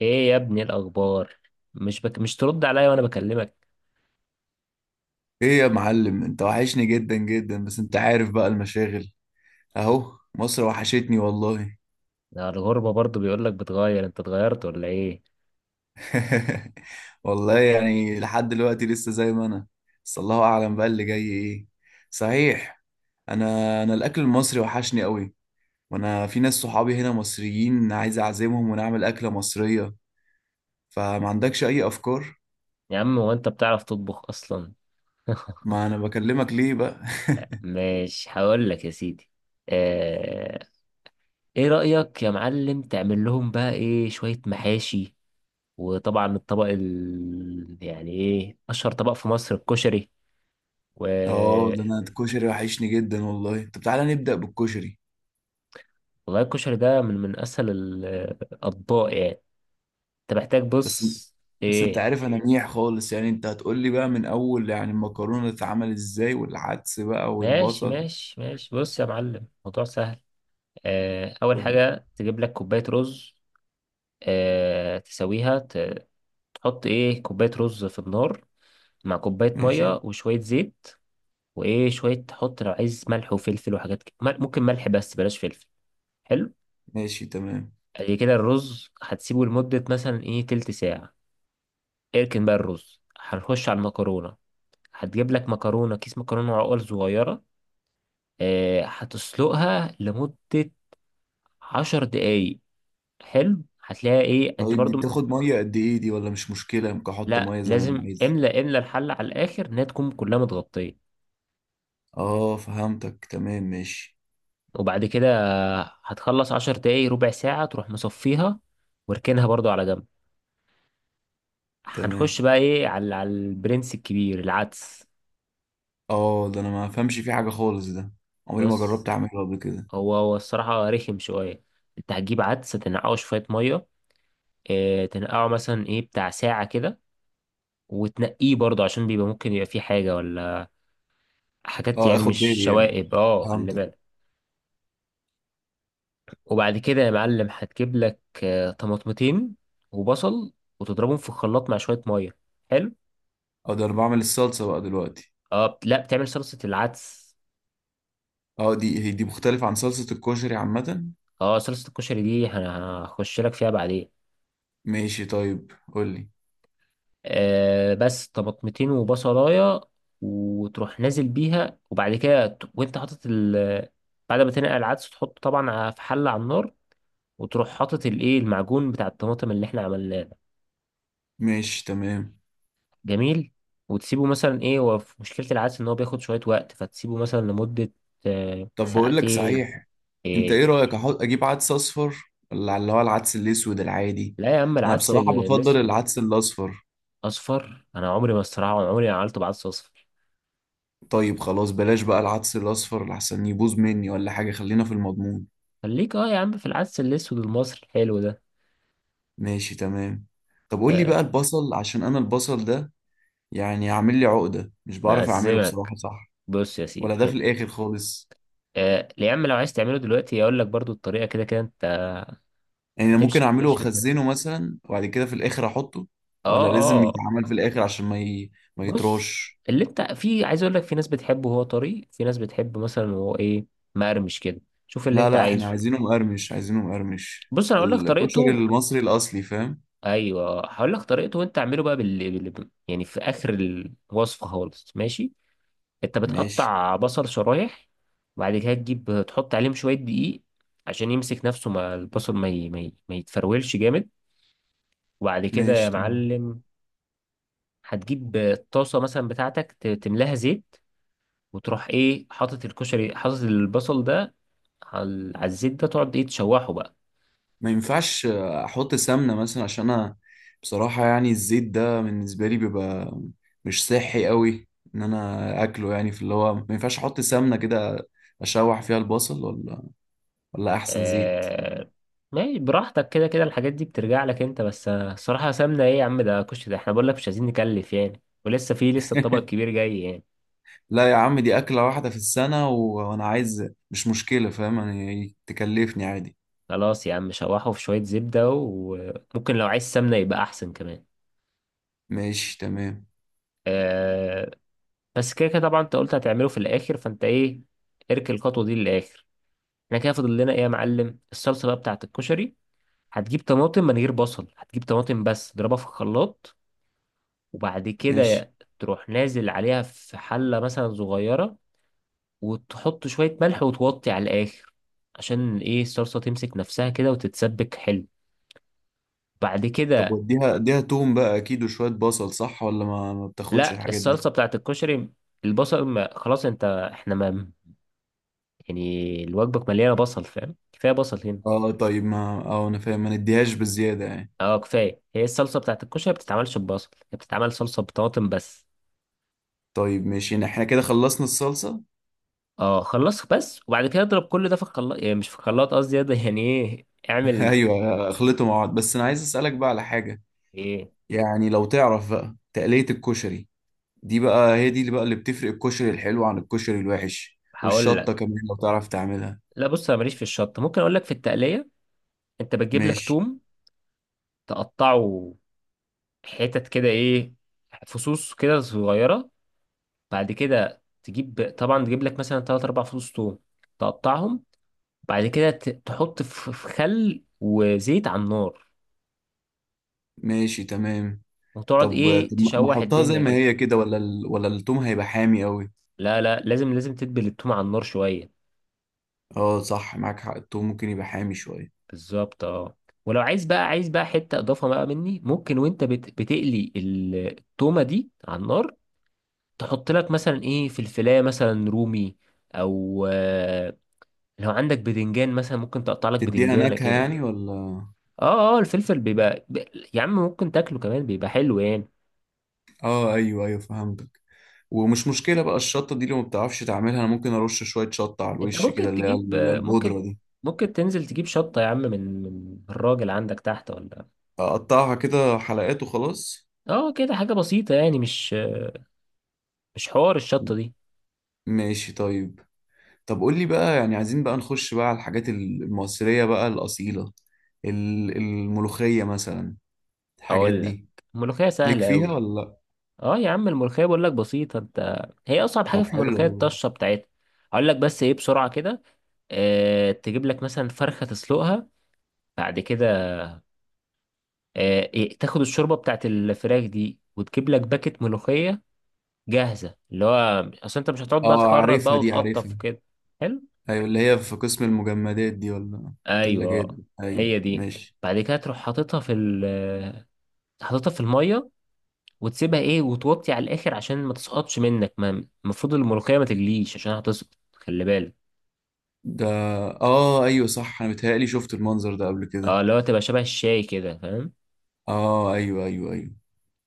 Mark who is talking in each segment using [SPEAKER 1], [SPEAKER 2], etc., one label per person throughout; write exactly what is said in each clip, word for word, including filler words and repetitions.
[SPEAKER 1] ايه يا ابني الاخبار؟ مش بك... مش ترد عليا وانا بكلمك.
[SPEAKER 2] ايه يا معلم، انت وحشني جدا جدا. بس انت عارف بقى المشاغل. اهو مصر وحشتني والله.
[SPEAKER 1] ده الغربة برضو بيقولك بتغير، انت اتغيرت ولا ايه؟
[SPEAKER 2] والله يعني لحد دلوقتي لسه زي ما انا. بس الله اعلم بقى اللي جاي ايه. صحيح، انا انا الاكل المصري وحشني قوي، وانا في ناس صحابي هنا مصريين عايز اعزمهم ونعمل اكلة مصرية. فما عندكش اي افكار؟
[SPEAKER 1] يا عم هو انت بتعرف تطبخ اصلا؟
[SPEAKER 2] ما انا بكلمك ليه بقى.
[SPEAKER 1] مش هقول لك يا سيدي. آه... ايه رأيك يا معلم تعمل لهم بقى ايه شوية محاشي؟ وطبعا الطبق ال... يعني ايه اشهر طبق في مصر؟ الكشري و
[SPEAKER 2] اه، ده انا الكشري وحشني جدا والله. طب تعالى نبدأ بالكشري.
[SPEAKER 1] والله الكشري ده من من اسهل ال- الاطباق يعني. انت محتاج
[SPEAKER 2] بس
[SPEAKER 1] بص.
[SPEAKER 2] بس انت
[SPEAKER 1] ايه؟
[SPEAKER 2] عارف انا منيح خالص يعني. انت هتقول لي بقى من اول يعني المكرونه تتعمل ازاي، والعدس بقى،
[SPEAKER 1] ماشي
[SPEAKER 2] والبصل
[SPEAKER 1] ماشي ماشي، بص يا معلم، موضوع سهل. آه، أول
[SPEAKER 2] وال...
[SPEAKER 1] حاجة تجيب لك كوباية رز. آه، تسويها ت- تحط إيه كوباية رز في النار، مع كوباية
[SPEAKER 2] ماشي.
[SPEAKER 1] مية وشوية زيت. وإيه شوية تحط لو عايز ملح وفلفل وحاجات كده، مل- ممكن ملح بس بلاش فلفل. حلو.
[SPEAKER 2] ماشي تمام.
[SPEAKER 1] ادي كده، الرز هتسيبه لمدة مثلا إيه تلت ساعة. اركن بقى الرز، هنخش على المكرونة. هتجيب لك مكرونة، كيس مكرونة عقل صغيرة. آه، هتسلقها لمدة عشر دقايق. حلو، هتلاقيها ايه انت
[SPEAKER 2] طيب دي
[SPEAKER 1] برضو م-
[SPEAKER 2] بتاخد ميه قد ايه دي، ولا مش مشكله ممكن احط
[SPEAKER 1] لا
[SPEAKER 2] ميه زي ما انا
[SPEAKER 1] لازم
[SPEAKER 2] عايز؟
[SPEAKER 1] املى املى الحلة على الاخر، انها تكون كلها متغطية.
[SPEAKER 2] اه فهمتك تمام. ماشي
[SPEAKER 1] وبعد كده هتخلص عشر دقايق، ربع ساعة تروح مصفيها واركنها برضو على جنب.
[SPEAKER 2] تمام.
[SPEAKER 1] هنخش بقى ايه على على البرنس الكبير، العدس.
[SPEAKER 2] اه، ده انا ما فهمش فيه حاجه خالص ده، عمري ما جربت
[SPEAKER 1] بص،
[SPEAKER 2] اعمله قبل كده.
[SPEAKER 1] هو هو الصراحة رخم شوية. انت هتجيب عدس، تنقعه شوية مية. اه تنقعه مثلا ايه بتاع ساعة كده، وتنقيه برضو عشان بيبقى ممكن يبقى فيه حاجة ولا حاجات،
[SPEAKER 2] اه
[SPEAKER 1] يعني
[SPEAKER 2] اخد
[SPEAKER 1] مش
[SPEAKER 2] بالي يعني،
[SPEAKER 1] شوائب، اه خلي
[SPEAKER 2] فهمتك.
[SPEAKER 1] بالك. وبعد كده يا معلم هتجيب لك آه، طماطمتين وبصل، وتضربهم في الخلاط مع شوية مية. حلو.
[SPEAKER 2] اه، ده انا بعمل الصلصه بقى دلوقتي؟
[SPEAKER 1] اه بت- لا بتعمل صلصة العدس.
[SPEAKER 2] اه دي هي دي مختلفه عن صلصه الكشري عامه؟
[SPEAKER 1] اه صلصة الكشري دي هن- هخش لك فيها بعدين.
[SPEAKER 2] ماشي طيب قول لي.
[SPEAKER 1] آه بس طماطمتين وبصلاية، وتروح نازل بيها. وبعد كده ت- وانت حاطط ال بعد ما تنقع العدس تحطه طبعا ع- في حلة على النار، وتروح حاطط الايه المعجون بتاع الطماطم اللي احنا عملناه.
[SPEAKER 2] ماشي تمام.
[SPEAKER 1] جميل. وتسيبه مثلا ايه، هو في مشكلة العدس ان هو بياخد شوية وقت، فتسيبه مثلا لمدة آه،
[SPEAKER 2] طب بقول لك
[SPEAKER 1] ساعتين.
[SPEAKER 2] صحيح، انت ايه
[SPEAKER 1] ايه؟
[SPEAKER 2] رأيك احط اجيب عدس اصفر، ولا اللي هو العدس الاسود العادي؟
[SPEAKER 1] لا يا عم،
[SPEAKER 2] انا
[SPEAKER 1] العدس
[SPEAKER 2] بصراحة بفضل
[SPEAKER 1] الاسود.
[SPEAKER 2] العدس الاصفر.
[SPEAKER 1] اصفر؟ انا عمري ما، الصراحة، عمري ما عملته بعدس اصفر.
[SPEAKER 2] طيب خلاص بلاش بقى العدس الاصفر لحسن يبوظ مني ولا حاجة، خلينا في المضمون.
[SPEAKER 1] خليك اه يا عم في العدس الاسود المصري الحلو ده.
[SPEAKER 2] ماشي تمام. طب قول لي
[SPEAKER 1] آه،
[SPEAKER 2] بقى البصل، عشان انا البصل ده يعني عامل لي عقدة، مش بعرف اعمله
[SPEAKER 1] مأزمك.
[SPEAKER 2] بصراحة. صح،
[SPEAKER 1] بص يا
[SPEAKER 2] ولا
[SPEAKER 1] سيدي
[SPEAKER 2] ده في
[SPEAKER 1] إن-
[SPEAKER 2] الاخر خالص؟
[SPEAKER 1] آه، يا عم لو عايز تعمله دلوقتي اقول لك برضو الطريقة، كده كده انت
[SPEAKER 2] يعني انا ممكن
[SPEAKER 1] هتمشي
[SPEAKER 2] اعمله
[SPEAKER 1] هتمشي بالترتيب.
[SPEAKER 2] واخزنه مثلا وبعد كده في الاخر احطه،
[SPEAKER 1] اه،
[SPEAKER 2] ولا لازم
[SPEAKER 1] اه.
[SPEAKER 2] يتعمل في الاخر عشان ما ي... ما
[SPEAKER 1] بص،
[SPEAKER 2] يتراش؟
[SPEAKER 1] اللي انت في عايز اقول لك، في ناس بتحبه وهو طري، في ناس بتحب مثلا وهو ايه، مقرمش كده. شوف اللي
[SPEAKER 2] لا
[SPEAKER 1] انت
[SPEAKER 2] لا، احنا
[SPEAKER 1] عايزه.
[SPEAKER 2] عايزينه مقرمش، عايزينه مقرمش
[SPEAKER 1] بص انا هقول لك
[SPEAKER 2] الكشري
[SPEAKER 1] طريقته.
[SPEAKER 2] المصري الاصلي، فاهم؟
[SPEAKER 1] ايوه هقول لك طريقته، وانت اعمله بقى بال... بال... يعني في اخر الوصفه خالص، ماشي. انت
[SPEAKER 2] ماشي.
[SPEAKER 1] بتقطع بصل شرايح، وبعد كده تجيب تحط عليهم شويه دقيق، عشان يمسك نفسه مع البصل، ما ي... ما, ي... ما يتفرولش جامد. وبعد كده يا
[SPEAKER 2] ماشي تمام.
[SPEAKER 1] معلم هتجيب الطاسه مثلا بتاعتك، ت- تملاها زيت، وتروح ايه حاطط الكشري حاطط البصل ده على على الزيت ده، تقعد ايه تشوحه بقى.
[SPEAKER 2] ما ينفعش احط سمنه مثلا؟ عشان انا بصراحه يعني الزيت ده بالنسبه لي بيبقى مش صحي قوي ان انا اكله يعني. في اللي هو ما ينفعش احط سمنه كده اشوح فيها البصل، ولا ولا احسن زيت؟
[SPEAKER 1] آه... ماشي براحتك، كده كده الحاجات دي بترجع لك انت، بس آه، الصراحة سمنة ايه يا عم، ده كشري، ده احنا بقول لك مش عايزين نكلف يعني، ولسه في لسه الطبق الكبير جاي يعني.
[SPEAKER 2] لا يا عم، دي اكله واحده في السنه، و- وانا عايز، مش مشكله فاهم، يعني تكلفني عادي.
[SPEAKER 1] خلاص يا عم شوحه في شوية زبدة، وممكن لو عايز سمنة يبقى احسن كمان.
[SPEAKER 2] ماشي تمام.
[SPEAKER 1] آه... بس كده كده طبعا انت قلت هتعمله في الاخر، فانت ايه اركن الخطوة دي للاخر. احنا كده فاضل لنا ايه يا معلم؟ الصلصة بقى بتاعت الكشري، هتجيب طماطم من غير بصل، هتجيب طماطم بس تضربها في الخلاط، وبعد
[SPEAKER 2] ماشي.
[SPEAKER 1] كده تروح نازل عليها في حلة مثلا صغيرة، وتحط شوية ملح وتوطي على الآخر، عشان ايه الصلصة تمسك نفسها كده وتتسبك حلو. بعد
[SPEAKER 2] طب
[SPEAKER 1] كده،
[SPEAKER 2] واديها، اديها توم بقى اكيد وشوية بصل، صح، ولا ما, ما بتاخدش
[SPEAKER 1] لا
[SPEAKER 2] الحاجات دي؟
[SPEAKER 1] الصلصة بتاعت الكشري، البصل ما خلاص انت، احنا ما، يعني الوجبة مليانة بصل فاهم، كفاية بصل هنا.
[SPEAKER 2] اه طيب ما، اه انا فاهم، ما نديهاش بالزيادة يعني.
[SPEAKER 1] اه كفاية، هي الصلصة بتاعت الكشري ما بتتعملش ببصل، هي بتتعمل صلصة بطماطم بس.
[SPEAKER 2] طيب ماشي، يعني احنا كده خلصنا الصلصة.
[SPEAKER 1] اه خلص بس. وبعد كده اضرب كل ده في الخلاط، يعني مش في الخلاط قصدي، ده يعني ايه اعمل.
[SPEAKER 2] ايوه خلطوا مع بعض. بس انا عايز اسألك بقى على حاجة،
[SPEAKER 1] ايه؟
[SPEAKER 2] يعني لو تعرف بقى تقلية الكشري، دي بقى هي دي اللي بقى اللي بتفرق الكشري الحلو عن الكشري الوحش.
[SPEAKER 1] هقول
[SPEAKER 2] والشطة
[SPEAKER 1] لك.
[SPEAKER 2] كمان لو تعرف تعملها.
[SPEAKER 1] لا بص انا ماليش في الشط، ممكن اقول لك في التقليه. انت بتجيب لك
[SPEAKER 2] ماشي.
[SPEAKER 1] توم، تقطعه حتت كده ايه، فصوص كده صغيره. بعد كده تجيب، طبعا تجيب لك مثلا تلاتة أربعة فصوص توم، تقطعهم. بعد كده ت- تحط في في خل وزيت على النار،
[SPEAKER 2] ماشي تمام.
[SPEAKER 1] وتقعد
[SPEAKER 2] طب
[SPEAKER 1] ايه
[SPEAKER 2] طب ما
[SPEAKER 1] تشوح
[SPEAKER 2] احطها زي
[SPEAKER 1] الدنيا
[SPEAKER 2] ما
[SPEAKER 1] كده.
[SPEAKER 2] هي كده، ولا ال... ولا التوم هيبقى حامي قوي؟
[SPEAKER 1] لا لا، لازم لازم تدبل التوم على النار شويه.
[SPEAKER 2] اه صح، معاك حق، التوم ممكن يبقى حامي شوية.
[SPEAKER 1] بالظبط اه. ولو عايز بقى، عايز بقى حته اضافه بقى مني، ممكن وانت بت... بتقلي ال- التومه دي على النار، تحط لك مثلا ايه في الفلايه مثلا رومي، او آه، لو عندك بدنجان مثلا ممكن تقطع لك
[SPEAKER 2] تديها
[SPEAKER 1] بدنجانه
[SPEAKER 2] نكهة
[SPEAKER 1] كده.
[SPEAKER 2] يعني ولا؟
[SPEAKER 1] اه اه، الفلفل بيبقى ب... يا عم ممكن تاكله كمان بيبقى حلو يعني.
[SPEAKER 2] اه ايوه ايوه، فهمتك. ومش مشكلة بقى الشطة دي لو ما بتعرفش تعملها، انا ممكن ارش شوية شطة على
[SPEAKER 1] انت
[SPEAKER 2] الوش كده
[SPEAKER 1] ممكن
[SPEAKER 2] اللي هي
[SPEAKER 1] تجيب
[SPEAKER 2] ال-
[SPEAKER 1] آه، ممكن
[SPEAKER 2] البودرة دي.
[SPEAKER 1] ممكن تنزل تجيب شطه يا عم، من من الراجل عندك تحت ولا.
[SPEAKER 2] اقطعها كده حلقات وخلاص؟
[SPEAKER 1] اه كده حاجه بسيطه يعني، مش مش حوار الشطه دي.
[SPEAKER 2] ماشي طيب. طب قول لي بقى، يعني عايزين بقى نخش بقى على الحاجات المصرية بقى الأصيلة، ال- الملوخية مثلا، الحاجات
[SPEAKER 1] هقول لك.
[SPEAKER 2] دي،
[SPEAKER 1] الملوخيه
[SPEAKER 2] ليك
[SPEAKER 1] سهله
[SPEAKER 2] فيها
[SPEAKER 1] قوي.
[SPEAKER 2] ولا لا؟
[SPEAKER 1] اه يا عم الملوخية بقول لك بسيطة، انت هي أصعب حاجة
[SPEAKER 2] طب
[SPEAKER 1] في
[SPEAKER 2] حلو
[SPEAKER 1] الملوخية
[SPEAKER 2] والله.
[SPEAKER 1] الطشة بتاعتها. هقول لك بس ايه بسرعة كده. اه تجيب لك مثلا فرخة تسلقها. بعد كده، اه إيه، تاخد الشوربة بتاعت الفراخ دي وتجيب لك باكت ملوخية جاهزة، اللي هو أصل انت مش هتقعد بقى
[SPEAKER 2] اه
[SPEAKER 1] تخرط
[SPEAKER 2] عارفها
[SPEAKER 1] بقى
[SPEAKER 2] دي،
[SPEAKER 1] وتقطف
[SPEAKER 2] عارفها.
[SPEAKER 1] وكده. حلو.
[SPEAKER 2] ايوه اللي هي في قسم المجمدات دي، ولا الثلاجات
[SPEAKER 1] ايوه،
[SPEAKER 2] دي؟ ايوه
[SPEAKER 1] هي دي.
[SPEAKER 2] ماشي.
[SPEAKER 1] بعد كده تروح حاططها في ال حاططها في المية، وتسيبها ايه وتوطي على الآخر عشان ما تسقطش منك، ما المفروض الملوخية ما تجليش عشان هتسقط، خلي بالك.
[SPEAKER 2] ده اه ايوه صح، انا متهيألي شفت المنظر ده قبل
[SPEAKER 1] اه
[SPEAKER 2] كده.
[SPEAKER 1] اللي هو تبقى شبه الشاي كده فاهم.
[SPEAKER 2] اه ايوه ايوه ايوه.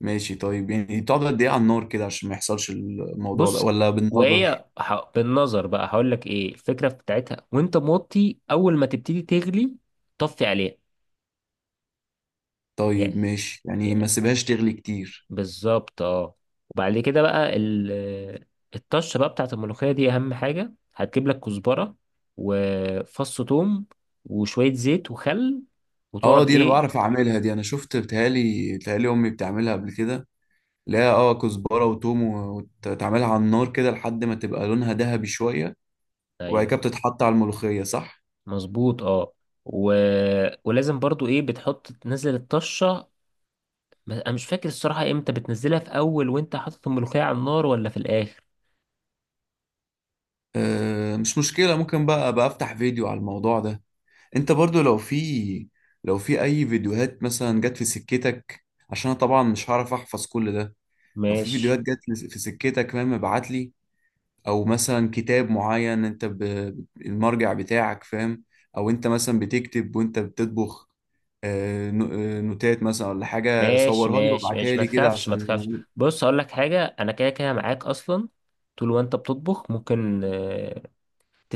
[SPEAKER 2] ماشي طيب، يعني بتقعد قد ايه على النار كده عشان ما يحصلش الموضوع ده،
[SPEAKER 1] بص،
[SPEAKER 2] ولا بالنظر؟
[SPEAKER 1] وهي ح... بالنظر بقى، هقول لك ايه الفكره بتاعتها، وانت موطي اول ما تبتدي تغلي طفي عليها. يا-
[SPEAKER 2] طيب ماشي، يعني
[SPEAKER 1] يا-
[SPEAKER 2] ما سيبهاش تغلي كتير.
[SPEAKER 1] بالظبط اه. وبعد كده بقى ال... الطشه بقى بتاعت الملوخيه دي، اهم حاجه هتجيب لك كزبره وفص ثوم وشويه زيت وخل،
[SPEAKER 2] اه
[SPEAKER 1] وتقعد
[SPEAKER 2] دي انا
[SPEAKER 1] ايه.
[SPEAKER 2] بعرف اعملها دي، انا شفت، بتهيألي بتهيألي امي بتعملها قبل كده. لا اه، كزبرة وتوم و- وتعملها على النار كده لحد ما تبقى لونها ذهبي شوية، وبعد
[SPEAKER 1] ايوه
[SPEAKER 2] كده بتتحط على الملوخية صح؟
[SPEAKER 1] مظبوط اه. و... ولازم برضو ايه بتحط تنزل الطشه. ما- انا مش فاكر الصراحة امتى بتنزلها، في اول وانت حاطط الملوخية على النار ولا في الاخر.
[SPEAKER 2] آه مش مشكلة، ممكن بقى بقى افتح فيديو على الموضوع ده. انت برضو لو في، لو في اي فيديوهات مثلا جت في سكتك، عشان انا طبعا مش هعرف احفظ كل ده. لو في فيديوهات
[SPEAKER 1] ماشي
[SPEAKER 2] جت في سكتك فاهم ابعت لي. او مثلا كتاب معين انت ب... المرجع بتاعك فاهم. او انت مثلا بتكتب وانت بتطبخ آه، نو- آه، نوتات مثلا ولا حاجة،
[SPEAKER 1] ماشي
[SPEAKER 2] صورها لي
[SPEAKER 1] ماشي
[SPEAKER 2] وابعتها
[SPEAKER 1] ماشي، ما
[SPEAKER 2] لي كده
[SPEAKER 1] تخافش ما
[SPEAKER 2] عشان
[SPEAKER 1] تخافش. بص هقول لك حاجة، انا كده كده معاك اصلا، طول وانت بتطبخ ممكن آه،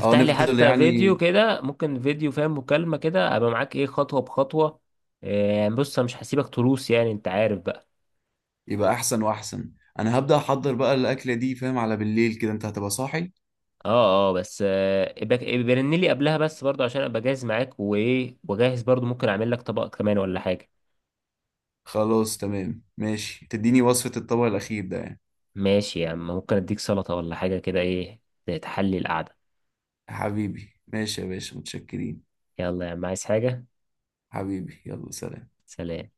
[SPEAKER 2] اه
[SPEAKER 1] لي
[SPEAKER 2] نفضل
[SPEAKER 1] حتى
[SPEAKER 2] يعني،
[SPEAKER 1] فيديو كده، ممكن فيديو فاهم، مكالمة كده، ابقى معاك ايه خطوة بخطوة. آه، يعني بص انا مش هسيبك تروس يعني، انت عارف بقى.
[SPEAKER 2] يبقى احسن واحسن. انا هبدأ احضر بقى الاكلة دي فاهم، على بالليل كده انت هتبقى صاحي.
[SPEAKER 1] اه اه، بس آه، ابقى ابقى رن لي قبلها بس برضه، عشان ابقى جاهز معاك، وايه وجاهز برضه ممكن اعمل لك طبق كمان ولا حاجة.
[SPEAKER 2] خلاص تمام ماشي، تديني وصفة الطبق الأخير ده يعني.
[SPEAKER 1] ماشي يا عم، ممكن اديك سلطة ولا حاجة كده ايه، تحلي القعدة.
[SPEAKER 2] حبيبي ماشي يا باشا، متشكرين.
[SPEAKER 1] يلا يا عم، عايز حاجة؟
[SPEAKER 2] حبيبي يلا سلام.
[SPEAKER 1] سلام.